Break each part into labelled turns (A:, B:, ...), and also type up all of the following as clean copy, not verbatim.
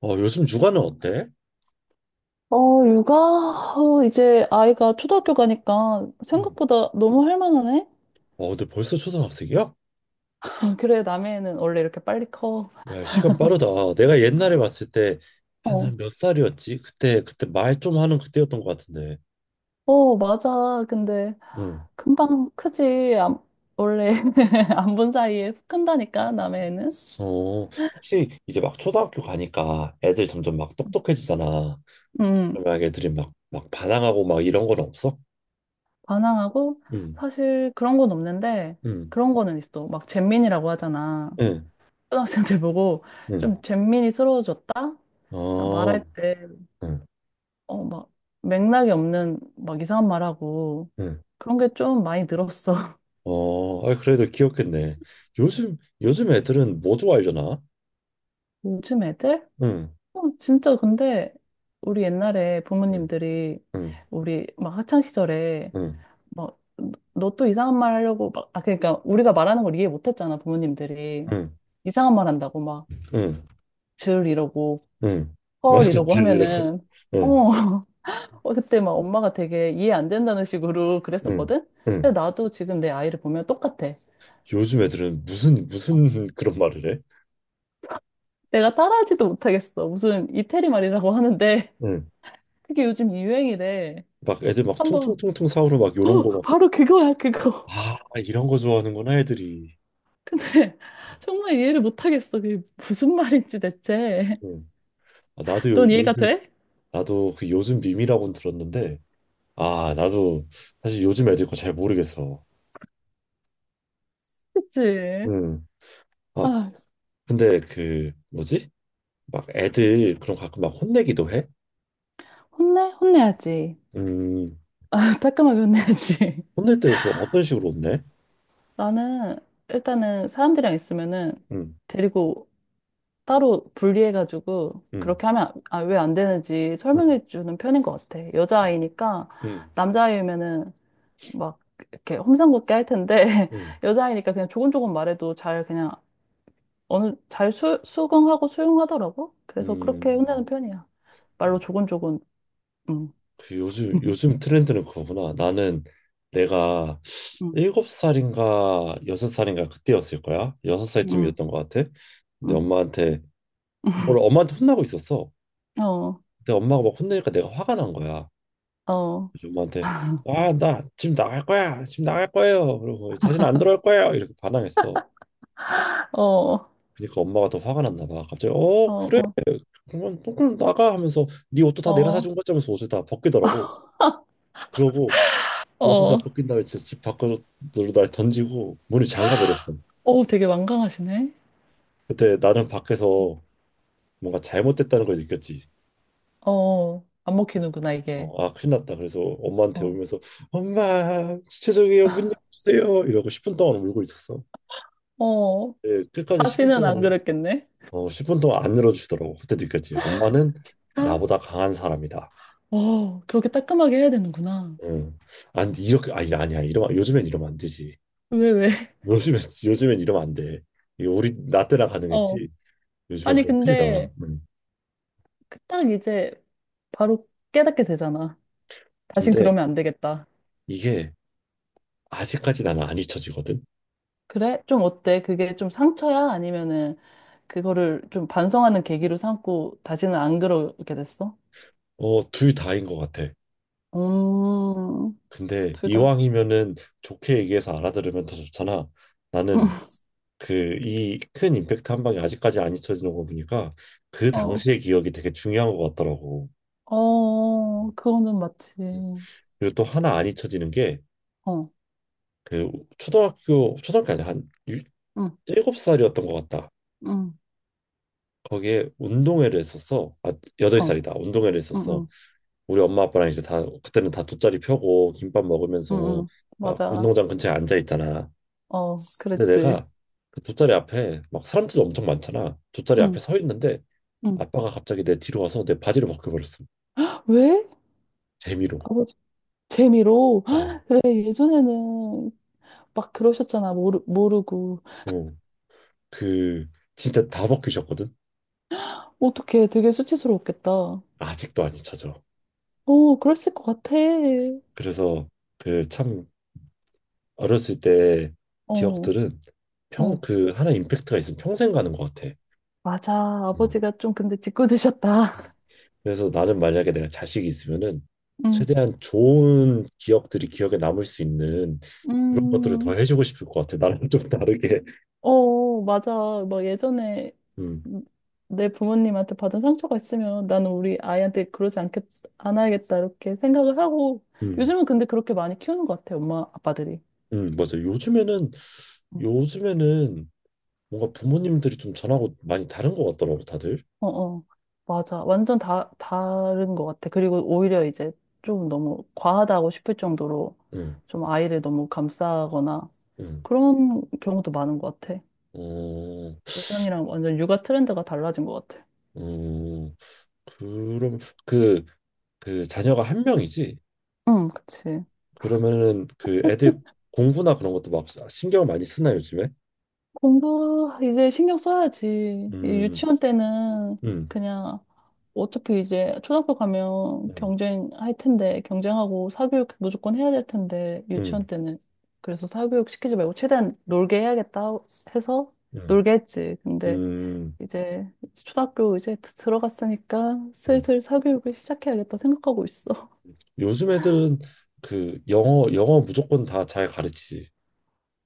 A: 요즘 육아는 어때?
B: 육아? 이제 아이가 초등학교 가니까
A: 응.
B: 생각보다 너무 할 만하네?
A: 근데 벌써 초등학생이야?
B: 그래, 남해는 원래 이렇게 빨리 커.
A: 야, 시간 빠르다. 내가 옛날에 봤을 때,
B: 어,
A: 한 몇 살이었지? 그때 말 좀 하는 그때였던 것 같은데.
B: 맞아. 근데
A: 응.
B: 금방 크지. 원래 안 본 사이에 훅 큰다니까, 남해는.
A: 어, 혹시 이제 막 초등학교 가니까 애들 점점 막 똑똑해지잖아.
B: 음,
A: 그러면 애들이 막 반항하고 막 이런 건 없어?
B: 반항하고
A: 응,
B: 사실 그런 건 없는데
A: 응,
B: 그런 거는 있어. 막 잼민이라고 하잖아.
A: 응,
B: 초등학생들 보고
A: 응.
B: 좀 잼민이스러워졌다?
A: 어,
B: 말할 때
A: 응,
B: 막 맥락이 없는 막 이상한 말하고
A: 응.
B: 그런 게 좀 많이 늘었어.
A: 어, 아, 그래도 귀엽겠네. 요즘 애들은 뭐 좋아하려나?
B: 요즘 애들?
A: 응,
B: 진짜 근데 우리 옛날에
A: 응,
B: 부모님들이
A: 응,
B: 우리 막 학창 시절에
A: 응.
B: 막 너 또 이상한 말 하려고 막 아 그러니까 우리가 말하는 걸 이해 못 했잖아, 부모님들이.
A: 응.
B: 이상한 말 한다고 막
A: 응,
B: 줄 이러고
A: 응.
B: 헐
A: 맞아,
B: 이러고
A: 들리라고.
B: 하면은 어,
A: 응,
B: 어 그때 막 엄마가 되게 이해 안 된다는 식으로
A: 응,
B: 그랬었거든.
A: 응.
B: 근데 나도 지금 내 아이를 보면 똑같아.
A: 요즘 애들은 무슨 그런 말을 해?
B: 내가 따라하지도 못하겠어. 무슨 이태리 말이라고 하는데
A: 응.
B: 그게 요즘 유행이래.
A: 막 애들 막 퉁퉁
B: 한번
A: 퉁통 사오로 막 요런 거 막.
B: 바로 그거야, 그거.
A: 아, 이런 거 좋아하는구나 애들이.
B: 근데 정말 이해를 못하겠어. 그게 무슨 말인지 대체.
A: 응. 아, 나도
B: 넌 이해가
A: 요즘
B: 돼?
A: 나도 그 요즘 밈이라고는 들었는데 아, 나도 사실 요즘 애들 거 잘 모르겠어.
B: 그치?
A: 응. 아,
B: 아,
A: 근데 그 뭐지? 막 애들 그럼 가끔 막 혼내기도 해?
B: 혼내? 혼내야지.
A: 음.
B: 아, 따끔하게 혼내야지.
A: 혼낼 때그 어떤 식으로 혼내?
B: 나는 일단은 사람들이랑 있으면은
A: 응,
B: 데리고 따로 분리해가지고
A: 응,
B: 그렇게 하면 아, 왜 안 되는지
A: 응.
B: 설명해 주는 편인 것 같아.
A: 응.
B: 여자아이니까
A: 응.
B: 남자아이면은 막 이렇게 험상궂게 할 텐데
A: 음,
B: 여자아이니까 그냥 조곤조곤 말해도 잘 그냥 어느 수긍하고 수용하더라고. 그래서
A: 음,
B: 그렇게 혼내는 편이야. 말로
A: 어,
B: 조곤조곤. 응.
A: 그 요즘 트렌드는 그거구나. 나는 내가
B: 응.
A: 일곱 살인가 여섯 살인가 그때였을 거야. 여섯
B: 응.
A: 살쯤이었던 것 같아. 근데
B: 응.
A: 엄마한테 뭘 엄마한테 혼나고 있었어.
B: 어.
A: 근데 엄마가 막 혼내니까 내가 화가 난 거야.
B: 어.
A: 그래서 엄마한테 아, 나 지금 나갈 거야. 지금 나갈 거예요. 그러고 다시는 안 들어올 거예요. 이렇게 반항했어.
B: 어. 어.
A: 그러니까 엄마가 더 화가 났나 봐. 갑자기 어 그래
B: 어.
A: 그러면 또 그럼 나가 하면서 네 옷도 다 내가
B: 어.
A: 사준 거지 하면서 옷을 다 벗기더라고. 그러고 옷을
B: 어.
A: 다 벗긴 다음에 진짜 집 밖으로 날 던지고 문을 잠가 버렸어.
B: 어. 되게 완강하시네.
A: 그때 나는 밖에서 뭔가 잘못됐다는 걸 느꼈지.
B: 어. 안 먹히는구나 이게.
A: 어, 아 큰일 났다. 그래서 엄마한테
B: 어.
A: 울면서 엄마 죄송해요 문 열어주세요 이러고 10분 동안 울고 있었어.
B: 어.
A: 예, 끝까지 10분
B: 바지는
A: 동안
B: 안 그랬겠네.
A: 어 10분 동안 안 열어주시더라고. 그때 느꼈지. 엄마는
B: 진짜?
A: 나보다 강한 사람이다.
B: 어. 그렇게 따끔하게 해야 되는구나.
A: 응. 안 이렇게 아니 아니야 이러면 요즘엔 이러면 안 되지.
B: 왜?
A: 요즘엔 요즘엔 이러면 안 돼. 이거 우리 나 때나 가능했지. 요즘에
B: 아니,
A: 그렇게 큰일 나.
B: 근데
A: 응.
B: 그딱 이제 바로 깨닫게 되잖아. 다신
A: 근데
B: 그러면 안 되겠다.
A: 이게 아직까지 나는 안 잊혀지거든.
B: 그래? 좀 어때? 그게 좀 상처야? 아니면은 그거를 좀 반성하는 계기로 삼고 다시는 안 그러게 됐어?
A: 어, 둘 다인 것 같아.
B: 음,
A: 근데
B: 둘 다.
A: 이왕이면은 좋게 얘기해서 알아들으면 더 좋잖아. 나는 그 이 큰 임팩트 한 방이 아직까지 안 잊혀지는 거 보니까 그
B: 어,
A: 당시의 기억이 되게 중요한 것 같더라고.
B: 그거는
A: 음.
B: 맞지.
A: 그리고 또 하나 안 잊혀지는 게
B: 어,
A: 그 초등학교 아니야
B: 응,
A: 일곱 살이었던 것 같다.
B: 응,
A: 거기에 운동회를 했었어. 아 여덟
B: 어,
A: 살이다. 운동회를
B: 응,
A: 했었어.
B: 응,
A: 우리 엄마 아빠랑 이제 다 그때는 다 돗자리 펴고 김밥
B: 응,
A: 먹으면서
B: 응.
A: 막
B: 맞아.
A: 운동장 근처에 앉아 있잖아.
B: 어,
A: 근데
B: 그랬지.
A: 내가 그 돗자리 앞에 막 사람들도 엄청 많잖아. 돗자리 앞에
B: 응,
A: 서 있는데
B: 응.
A: 아빠가 갑자기 내 뒤로 와서 내 바지를 벗겨버렸어.
B: 왜?
A: 재미로.
B: 아버지, 재미로.
A: 어,
B: 그래, 예전에는 막 그러셨잖아. 모르고.
A: 어. 그 진짜 다 벗기셨거든.
B: 어떡해. 되게 수치스러웠겠다. 어,
A: 아직도 안 잊혀져.
B: 그랬을 것 같아.
A: 그래서 그 참 어렸을 때
B: 어,
A: 기억들은 평
B: 어.
A: 그 하나 임팩트가 있으면 평생 가는 것 같아.
B: 맞아.
A: 음.
B: 아버지가 좀 근데 짓궂으셨다.
A: 그래서 나는 만약에 내가 자식이 있으면은
B: 응.
A: 최대한 좋은 기억들이 기억에 남을 수 있는 그런 것들을 더
B: 음,
A: 해주고 싶을 것 같아. 나랑 좀 다르게.
B: 어, 맞아. 막 예전에
A: 음,
B: 내 부모님한테 받은 상처가 있으면 나는 우리 아이한테 않아야겠다. 이렇게 생각을 하고.
A: 음,
B: 요즘은 근데 그렇게 많이 키우는 것 같아. 엄마, 아빠들이.
A: 맞아.
B: 음.
A: 요즘에는 뭔가 부모님들이 좀 전하고 많이 다른 것 같더라고 다들.
B: 어, 어. 맞아. 완전 다른 것 같아. 그리고 오히려 이제 좀 너무 과하다고 싶을 정도로
A: 음,
B: 좀 아이를 너무 감싸거나
A: 음,
B: 그런 경우도 많은 것 같아.
A: 어,
B: 예전이랑 완전 육아 트렌드가 달라진 것 같아.
A: 음, 그럼 그 그 자녀가 한 명이지?
B: 응, 그치.
A: 그러면은 그 애들 공부나 그런 것도 막 신경 많이 쓰나 요즘에?
B: 공부 이제 신경 써야지. 이
A: 음,
B: 유치원 때는
A: 음,
B: 그냥 어차피 이제 초등학교 가면
A: 음.
B: 경쟁할 텐데 경쟁하고 사교육 무조건 해야 될 텐데
A: 음.
B: 유치원 때는 그래서 사교육 시키지 말고 최대한 놀게 해야겠다 해서
A: 음,
B: 놀게 했지. 근데
A: 음,
B: 이제 초등학교 이제 들어갔으니까
A: 음.
B: 슬슬 사교육을 시작해야겠다 생각하고 있어.
A: 요즘 애들은 그 영어 무조건 다 잘 가르치지.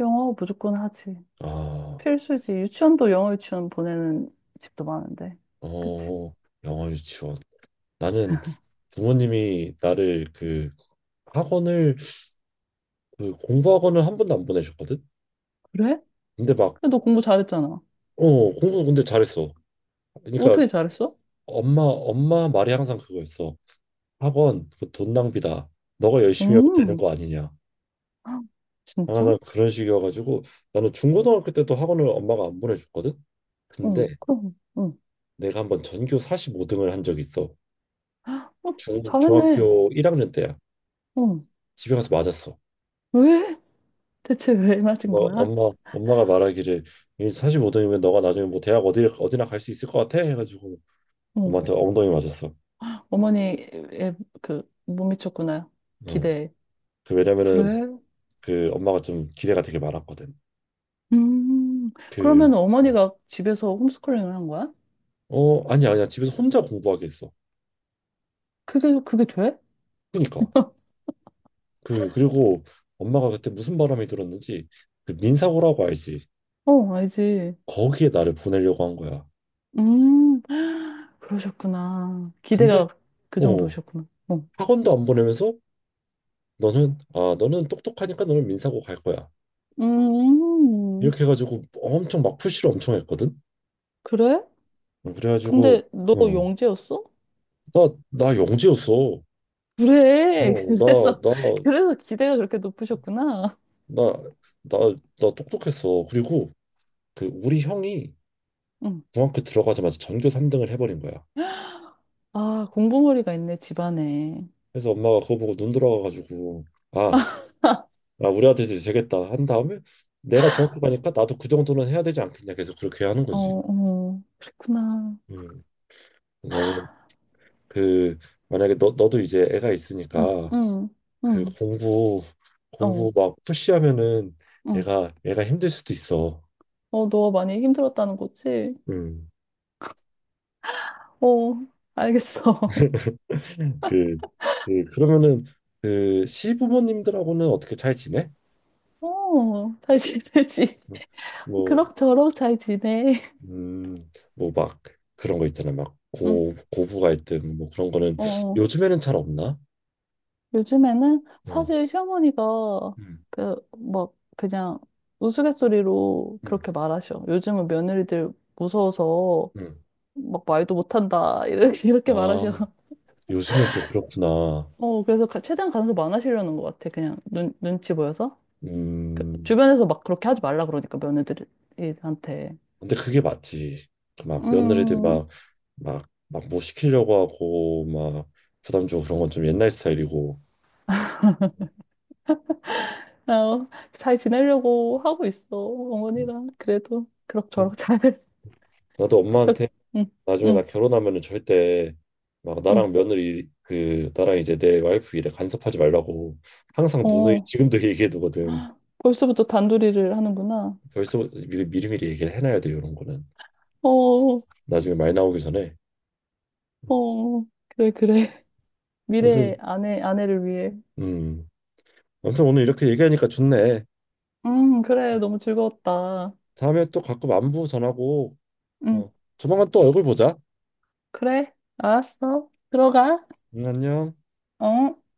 B: 영어 무조건 하지.
A: 아,
B: 필수지. 유치원도 영어 유치원 보내는 집도 많은데. 그치?
A: 어, 영어 유치원. 나는 부모님이 나를 그 학원을 그 공부 학원을 1번도 안 보내셨거든.
B: 그래?
A: 근데 막
B: 근데 너 공부 잘했잖아.
A: 어, 공부 근데 잘했어. 그러니까
B: 어떻게 잘했어?
A: 엄마 말이 항상 그거였어. 학원 그 돈 낭비다. 너가 열심히 하면 되는
B: 음,
A: 거 아니냐.
B: 진짜?
A: 항상 그런 식이어가지고 나는 중고등학교 때도 학원을 엄마가 안 보내줬거든. 근데
B: 응, 그럼, 응.
A: 내가 한번 전교 45등을 한 적이 있어.
B: 어, 잘했네.
A: 중학교 1학년 때야.
B: 응.
A: 집에 가서 맞았어.
B: 왜? 대체 왜 맞은
A: 엄마,
B: 거야?
A: 엄마가 말하기를 45등이면 너가 나중에 뭐 대학 어디나 갈 수 있을 것 같아? 해가지고
B: 응.
A: 엄마한테 엉덩이 맞았어.
B: 어머니의 그, 못 미쳤구나.
A: 응.
B: 기대에.
A: 그 왜냐면은
B: 그래?
A: 그 엄마가 좀 기대가 되게 많았거든.
B: 음,
A: 그,
B: 그러면 어머니가 집에서 홈스쿨링을 한 거야?
A: 어, 아니야. 집에서 혼자 공부하게 했어.
B: 그게 돼?
A: 그니까. 그리고 엄마가 그때 무슨 바람이 들었는지 그 민사고라고 알지?
B: 어, 알지.
A: 거기에 나를 보내려고 한 거야.
B: 음, 그러셨구나.
A: 근데,
B: 기대가 그
A: 어,
B: 정도셨구나. 어.
A: 학원도 안 보내면서 너는 아 너는 똑똑하니까 너는 민사고 갈 거야.
B: 음,
A: 이렇게 해가지고 엄청 막 푸시를 엄청 했거든.
B: 그래?
A: 어, 그래가지고
B: 근데 너
A: 어,
B: 영재였어?
A: 나나 영재였어.
B: 그래.
A: 어,
B: 그래서,
A: 나
B: 그래서 기대가 그렇게 높으셨구나.
A: 나 나 나 똑똑했어. 그리고 그 우리 형이
B: 응.
A: 중학교 들어가자마자 전교 3등을 해버린 거야.
B: 아, 공부머리가 있네, 집안에.
A: 그래서 엄마가 그거 보고 눈 돌아가가지고 아, 아 우리 아들 이제 되겠다 한 다음에 내가 중학교 가니까 나도 그 정도는 해야 되지 않겠냐 계속 그렇게 하는
B: 어,
A: 거지.
B: 어, 그랬구나.
A: 음, 나는 그 만약에 너 너도 이제 애가
B: 응,
A: 있으니까
B: 응,
A: 그
B: 응, 어,
A: 공부 막 푸시하면은
B: 응.
A: 애가 힘들 수도 있어.
B: 어, 너 많이 힘들었다는 거지?
A: 음.
B: 어, 알겠어.
A: 그, 그러면은 그 시부모님들하고는 어떻게 잘 지내?
B: 어, 잘 지내지.
A: 뭐,
B: 그럭저럭 잘 지내.
A: 음, 뭐 막 그런 거 있잖아. 막
B: 응,
A: 고부 갈등 뭐 그런 거는
B: 어. 어.
A: 요즘에는 잘 없나?
B: 요즘에는
A: 응,
B: 사실 시어머니가
A: 응,
B: 그 막 그냥 우스갯소리로
A: 응,
B: 그렇게 말하셔. 요즘은 며느리들 무서워서
A: 응.
B: 막 말도 못한다 이렇게 이렇게 말하셔.
A: 아, 요즘엔 또 그렇구나.
B: 어 그래서 최대한 간섭 안 하시려는 것 같아. 그냥 눈 눈치 보여서
A: 음,
B: 주변에서 막 그렇게 하지 말라 그러니까 며느리한테.
A: 근데 그게 맞지. 막 며느리들
B: 음,
A: 막 뭐 시키려고 하고 막 부담 주고 그런 건 좀 옛날 스타일이고.
B: 어, 잘 지내려고 하고 있어 어머니랑 그래도
A: 음.
B: 그럭저럭 잘.
A: 나도 엄마한테
B: 응,
A: 나중에
B: 응,
A: 나 결혼하면은 절대 막
B: 응.
A: 나랑 며느리 그 나랑 이제 내 와이프 일에 간섭하지 말라고 항상 누누이
B: 어
A: 지금도 얘기해 두거든.
B: 벌써부터 단둘이를 하는구나.
A: 벌써 미리미리 얘기를 해놔야 돼 이런 거는
B: 어,
A: 나중에 말 나오기 전에.
B: 어, 그래, 그래. 미래
A: 아무튼
B: 아내를 위해.
A: 음 아무튼 오늘 이렇게 얘기하니까 좋네.
B: 그래. 너무 즐거웠다.
A: 다음에 또 가끔 안부 전하고
B: 음,
A: 어 조만간 또 얼굴 보자.
B: 그래. 알았어. 들어가.
A: 응, 안녕.
B: 어?